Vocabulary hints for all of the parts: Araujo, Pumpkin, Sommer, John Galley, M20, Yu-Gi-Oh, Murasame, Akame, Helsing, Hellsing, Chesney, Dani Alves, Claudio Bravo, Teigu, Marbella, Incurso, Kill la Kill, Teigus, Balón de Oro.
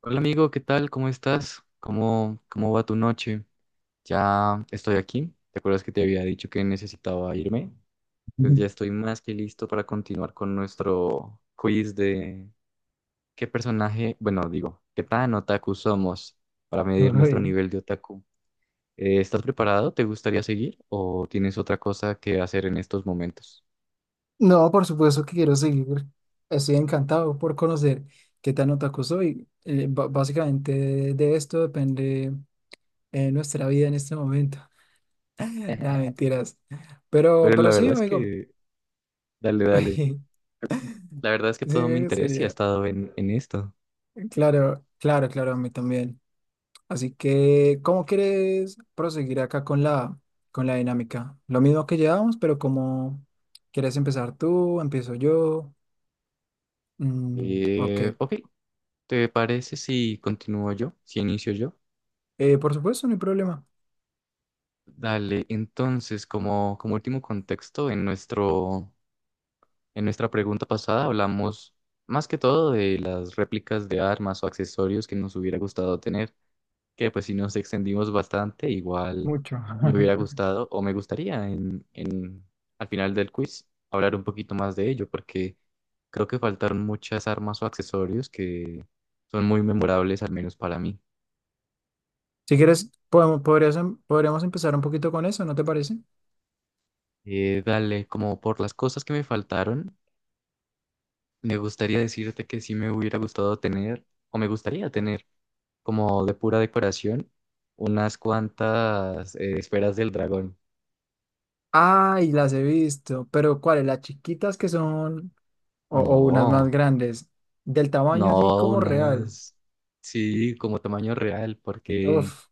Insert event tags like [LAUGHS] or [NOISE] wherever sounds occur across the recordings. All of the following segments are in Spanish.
Hola amigo, ¿qué tal? ¿Cómo estás? ¿Cómo va tu noche? Ya estoy aquí. ¿Te acuerdas que te había dicho que necesitaba irme? Pues Ujú. ya estoy más que listo para continuar con nuestro quiz de qué personaje, bueno, digo, qué tan otaku somos para medir [LAUGHS] nuestro Ay, nivel de otaku. ¿Estás preparado? ¿Te gustaría seguir o tienes otra cosa que hacer en estos momentos? no, por supuesto que quiero seguir. Estoy encantado por conocer qué tan otaku soy. Básicamente de esto depende nuestra vida en este momento. [LAUGHS] [LAUGHS] Nada, Pero mentiras. Pero, la pero sí, verdad es amigo. que, dale, dale. [LAUGHS] La verdad es que Sí, todo mi me interés y ha gustaría. estado en esto. Claro, claro, claro, a mí también. Así que, ¿cómo quieres proseguir acá con con la dinámica? Lo mismo que llevamos, pero cómo quieres empezar tú, empiezo yo. Mm, ok. Ok, ¿te parece si continúo yo, si inicio yo? Por supuesto, no hay problema. Dale, entonces, como último contexto, en nuestra pregunta pasada hablamos más que todo de las réplicas de armas o accesorios que nos hubiera gustado tener, que pues si nos extendimos bastante, igual Mucho. [LAUGHS] me hubiera gustado o me gustaría al final del quiz hablar un poquito más de ello, porque creo que faltaron muchas armas o accesorios que son muy memorables, al menos para mí. Si quieres, podemos, podríamos empezar un poquito con eso, ¿no te parece? Dale, como por las cosas que me faltaron, me gustaría decirte que sí me hubiera gustado tener, o me gustaría tener, como de pura decoración, unas cuantas esferas del dragón. Ay, las he visto, pero ¿cuáles? Las chiquitas que son, o unas más No, grandes, del tamaño así no, como real. unas, sí, como tamaño real, porque Uf,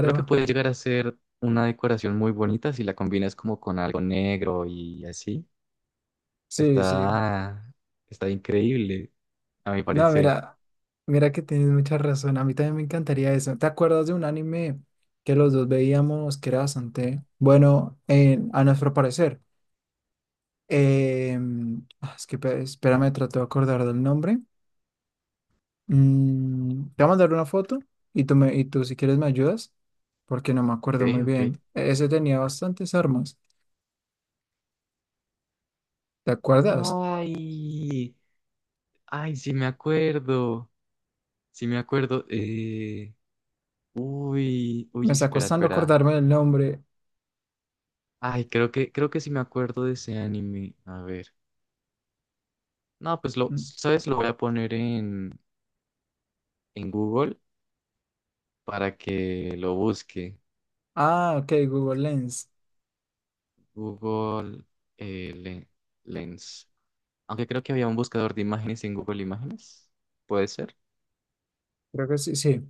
creo que puede llegar a ser una decoración muy bonita si la combinas como con algo negro y así. Sí, sí. Está, está increíble, a mi No, parecer. mira, mira que tienes mucha razón. A mí también me encantaría eso. ¿Te acuerdas de un anime que los dos veíamos que era bastante bueno a nuestro parecer? Eh, es que espérame, trato de acordar del nombre. Mm, te voy a mandar una foto y y tú si quieres me ayudas, porque no me acuerdo Ok, muy ok. bien. E- Ese tenía bastantes armas, ¿te acuerdas? Ay. Ay, sí me acuerdo, sí me acuerdo. Me está Espera, costando espera. acordarme del nombre. Ay, creo que sí me acuerdo de ese anime. A ver. No, pues lo, Mm. ¿sabes? Lo voy a poner en Google para que lo busque. Ah, ok, Google Lens. Google eh, le- Lens. Aunque creo que había un buscador de imágenes en Google Imágenes. ¿Puede ser? Creo que sí, sí.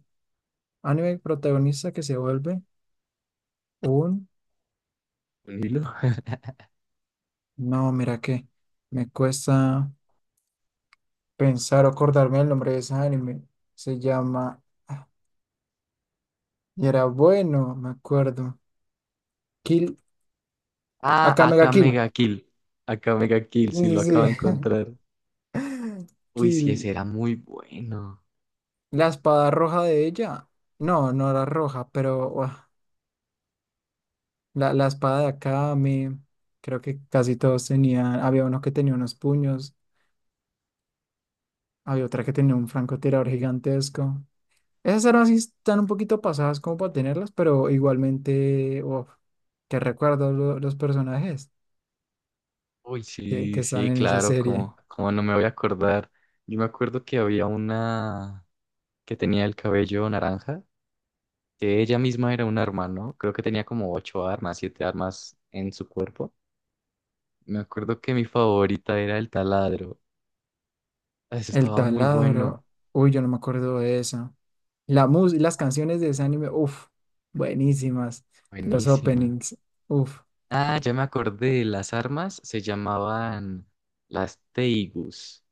Anime protagonista que se vuelve un... Un hilo. [LAUGHS] No, mira que me cuesta pensar o acordarme del nombre de ese anime. Se llama... ah, y era bueno, me acuerdo. Kill. Ah, Acá Mega acá Kill. Mega Kill. Acá Mega Kill, sí Sí, lo acabo sí, sí. de [LAUGHS] encontrar. Uy, sí, ese Kill. era muy bueno. La espada roja de ella. No, no era roja, pero uah, la espada de acá, me creo que casi todos tenían. Había uno que tenía unos puños, había otra que tenía un francotirador gigantesco. Esas armas sí están un poquito pasadas como para tenerlas, pero igualmente, uff, que recuerdo los personajes Uy, que sí, están sí, en esa claro, serie. Como no me voy a acordar. Yo me acuerdo que había una que tenía el cabello naranja, que ella misma era un arma, ¿no? Creo que tenía como ocho armas, siete armas en su cuerpo. Me acuerdo que mi favorita era el taladro. Ah, eso El estaba muy bueno, taladro. Uy, yo no me acuerdo de esa. Las canciones de ese anime, uff, buenísimas. Los buenísima. openings, uff. Ah, ya me acordé, las armas se llamaban las Teigus.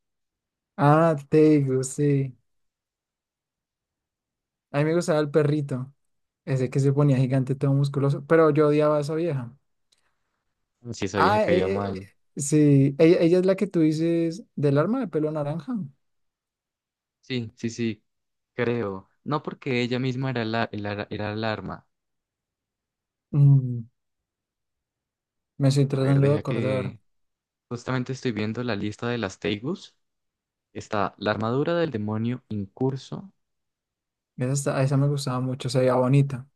Ah, Teigu, sí. A mí me gustaba el perrito, ese que se ponía gigante, todo musculoso, pero yo odiaba a esa vieja. Si esa vieja Ah, caía eh, eh, mal. sí, ella es la que tú dices del arma de pelo naranja. Sí, sí, sí, creo. No porque ella misma era era el arma. Mm, me estoy A ver, tratando de deja acordar. que... Justamente estoy viendo la lista de las Teigus. Está la armadura del demonio Incurso. Esa, esa me gustaba mucho, se veía bonita.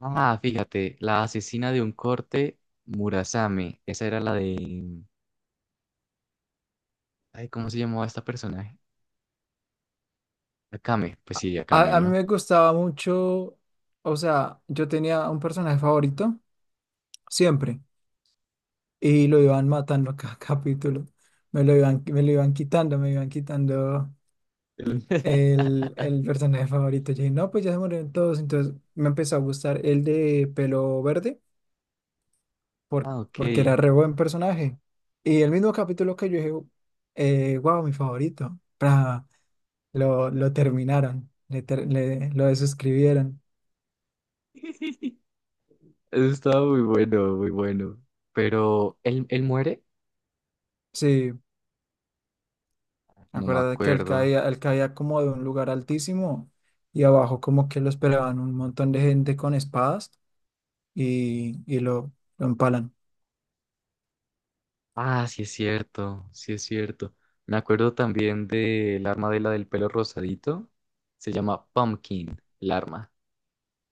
Ah, fíjate, la asesina de un corte Murasame. Esa era la de... Ay, ¿cómo se llamaba esta personaje? Akame. Pues sí, Akame, A mí ¿no? me gustaba mucho, o sea, yo tenía un personaje favorito siempre y lo iban matando cada [LAUGHS] capítulo. Me lo iban quitando, me iban quitando [LAUGHS] el personaje favorito. Yo dije, no, pues ya se murieron todos. Entonces me empezó a gustar el de pelo verde Ah, ok. porque era re [LAUGHS] buen personaje. Y el mismo capítulo que yo dije, wow, mi favorito. Pra, lo terminaron, lo desuscribieron. Eso estaba muy bueno, muy bueno. Pero, ¿él, él muere? Sí. No me Acuérdate que acuerdo. Él caía como de un lugar altísimo y abajo como que lo esperaban un montón de gente con espadas y lo empalan. Ah, sí es cierto, sí es cierto. Me acuerdo también del arma de la del pelo rosadito. Se llama Pumpkin, el arma.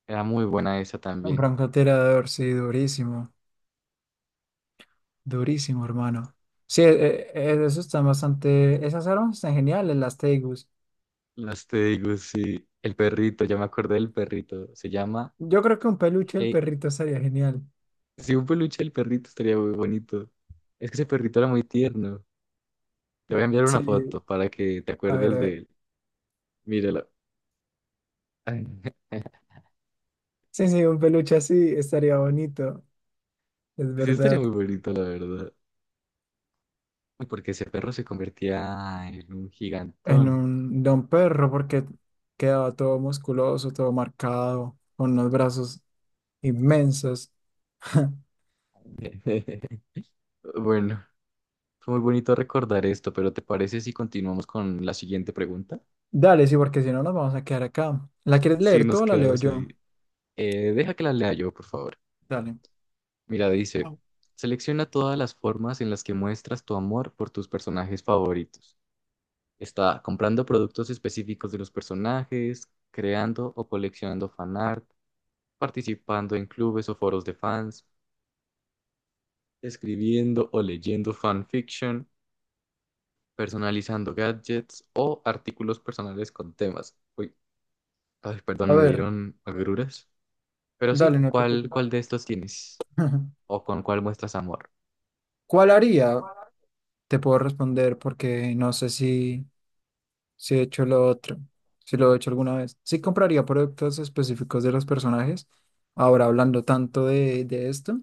Era muy buena esa Un también. francotirador, sí, durísimo, durísimo, hermano. Sí, eso está bastante, esas armas están geniales, las Tegus. Las te digo, sí. El perrito, ya me acordé del perrito. Se llama... Yo creo que un peluche del Hey, perrito estaría genial. si un peluche del perrito estaría muy bonito. Es que ese perrito era muy tierno. Te voy a enviar una Sí, foto para que te a ver, acuerdes a ver. de él. Míralo. [LAUGHS] Sí, sí, un peluche así estaría bonito, es Sí, estaría verdad. muy bonito, la verdad. Porque ese perro se convertía en un En gigantón. un, de un perro porque quedaba todo musculoso, todo marcado, con unos brazos inmensos. [LAUGHS] [LAUGHS] Bueno, fue muy bonito recordar esto, pero ¿te parece si continuamos con la siguiente pregunta? Dale, sí, porque si no nos vamos a quedar acá. ¿La quieres Sí, leer tú nos o la leo quedamos ahí. yo? Deja que la lea yo, por favor. Dale. Mira, dice, Au. selecciona todas las formas en las que muestras tu amor por tus personajes favoritos. Está comprando productos específicos de los personajes, creando o coleccionando fanart, participando en clubes o foros de fans, escribiendo o leyendo fanfiction, personalizando gadgets o artículos personales con temas. Uy, ay, A perdón, me ver, dieron agruras. Pero sí, dale, no te ¿cuál, preocupes. cuál de estos tienes? [LAUGHS] ¿O con cuál muestras amor? ¿Cuál haría? Te puedo responder porque no sé si he hecho lo otro, si lo he hecho alguna vez. Sí compraría productos específicos de los personajes. Ahora hablando tanto de esto,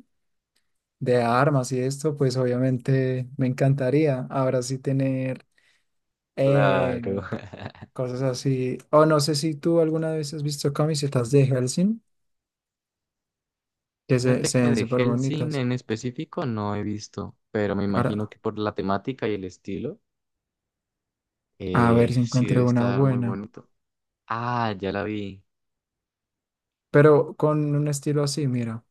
de armas y esto, pues obviamente me encantaría ahora sí tener eh, Claro. [LAUGHS] cosas así. O no sé si tú alguna vez has visto camisetas de Helsing, que Fíjate se que ven de súper Hellsing bonitas. en específico no he visto, pero me imagino Ahora, que por la temática y el estilo, a ver si sí debe encuentro una estar muy buena. bonito. Ah, ya la vi. Pero con un estilo así, mira,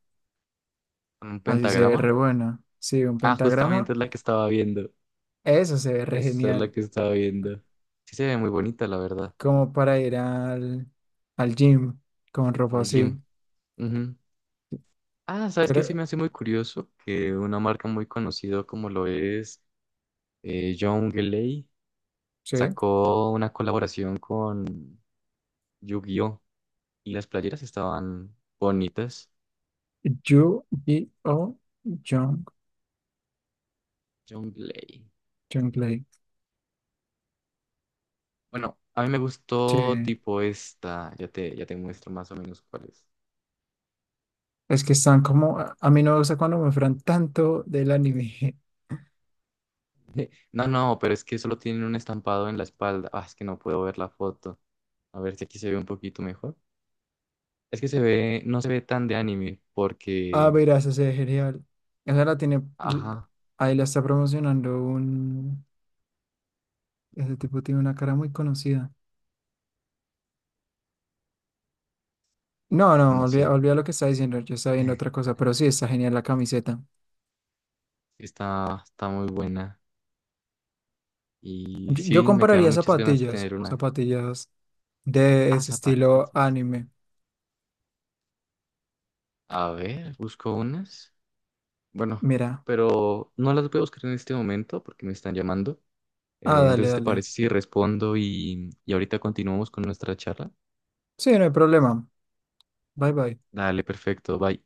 ¿Con un así se ve pentagrama? re buena. Sí, un Ah, justamente pentagrama, es la que estaba viendo. eso se ve re Esa es la genial. que estaba viendo. Sí se ve muy bonita, la verdad. Como para ir al, al gym con ropa Al gym. así. Ujú. Ah, ¿sabes qué? Sí Creo, me hace muy curioso que una marca muy conocida como lo es. John Galley sí. sacó una colaboración con Yu-Gi-Oh! Y las playeras estaban bonitas. Yu-Gi-Oh! Jung, John Galley. Junglei. Bueno, a mí me gustó Sí, tipo esta. Ya te muestro más o menos cuál es. es que están como, a mí no me gusta cuando me fran tanto del anime. [LAUGHS] [LAUGHS] No, no, pero es que solo tienen un estampado en la espalda. Ah, es que no puedo ver la foto. A ver si aquí se ve un poquito mejor. Es que se ve, no se ve tan de anime Ah, porque, verás, ese es genial. Esa la tiene, l- ajá, ahí la está promocionando un, ese tipo tiene una cara muy conocida. No, no, no olvida, sé. olvida lo que está diciendo, yo estaba viendo otra [LAUGHS] cosa, pero sí, está genial la camiseta. Está muy buena. Y Yo sí, me quedaron compraría muchas ganas de zapatillas, tener una. zapatillas de Ah, ese estilo zapatillas. anime. A ver, busco unas. Bueno, Mira, pero no las voy a buscar en este momento porque me están llamando. ah, dale, Entonces, ¿te dale. parece si respondo y ahorita continuamos con nuestra charla? Sí, no hay problema. Bye, bye. Dale, perfecto, bye.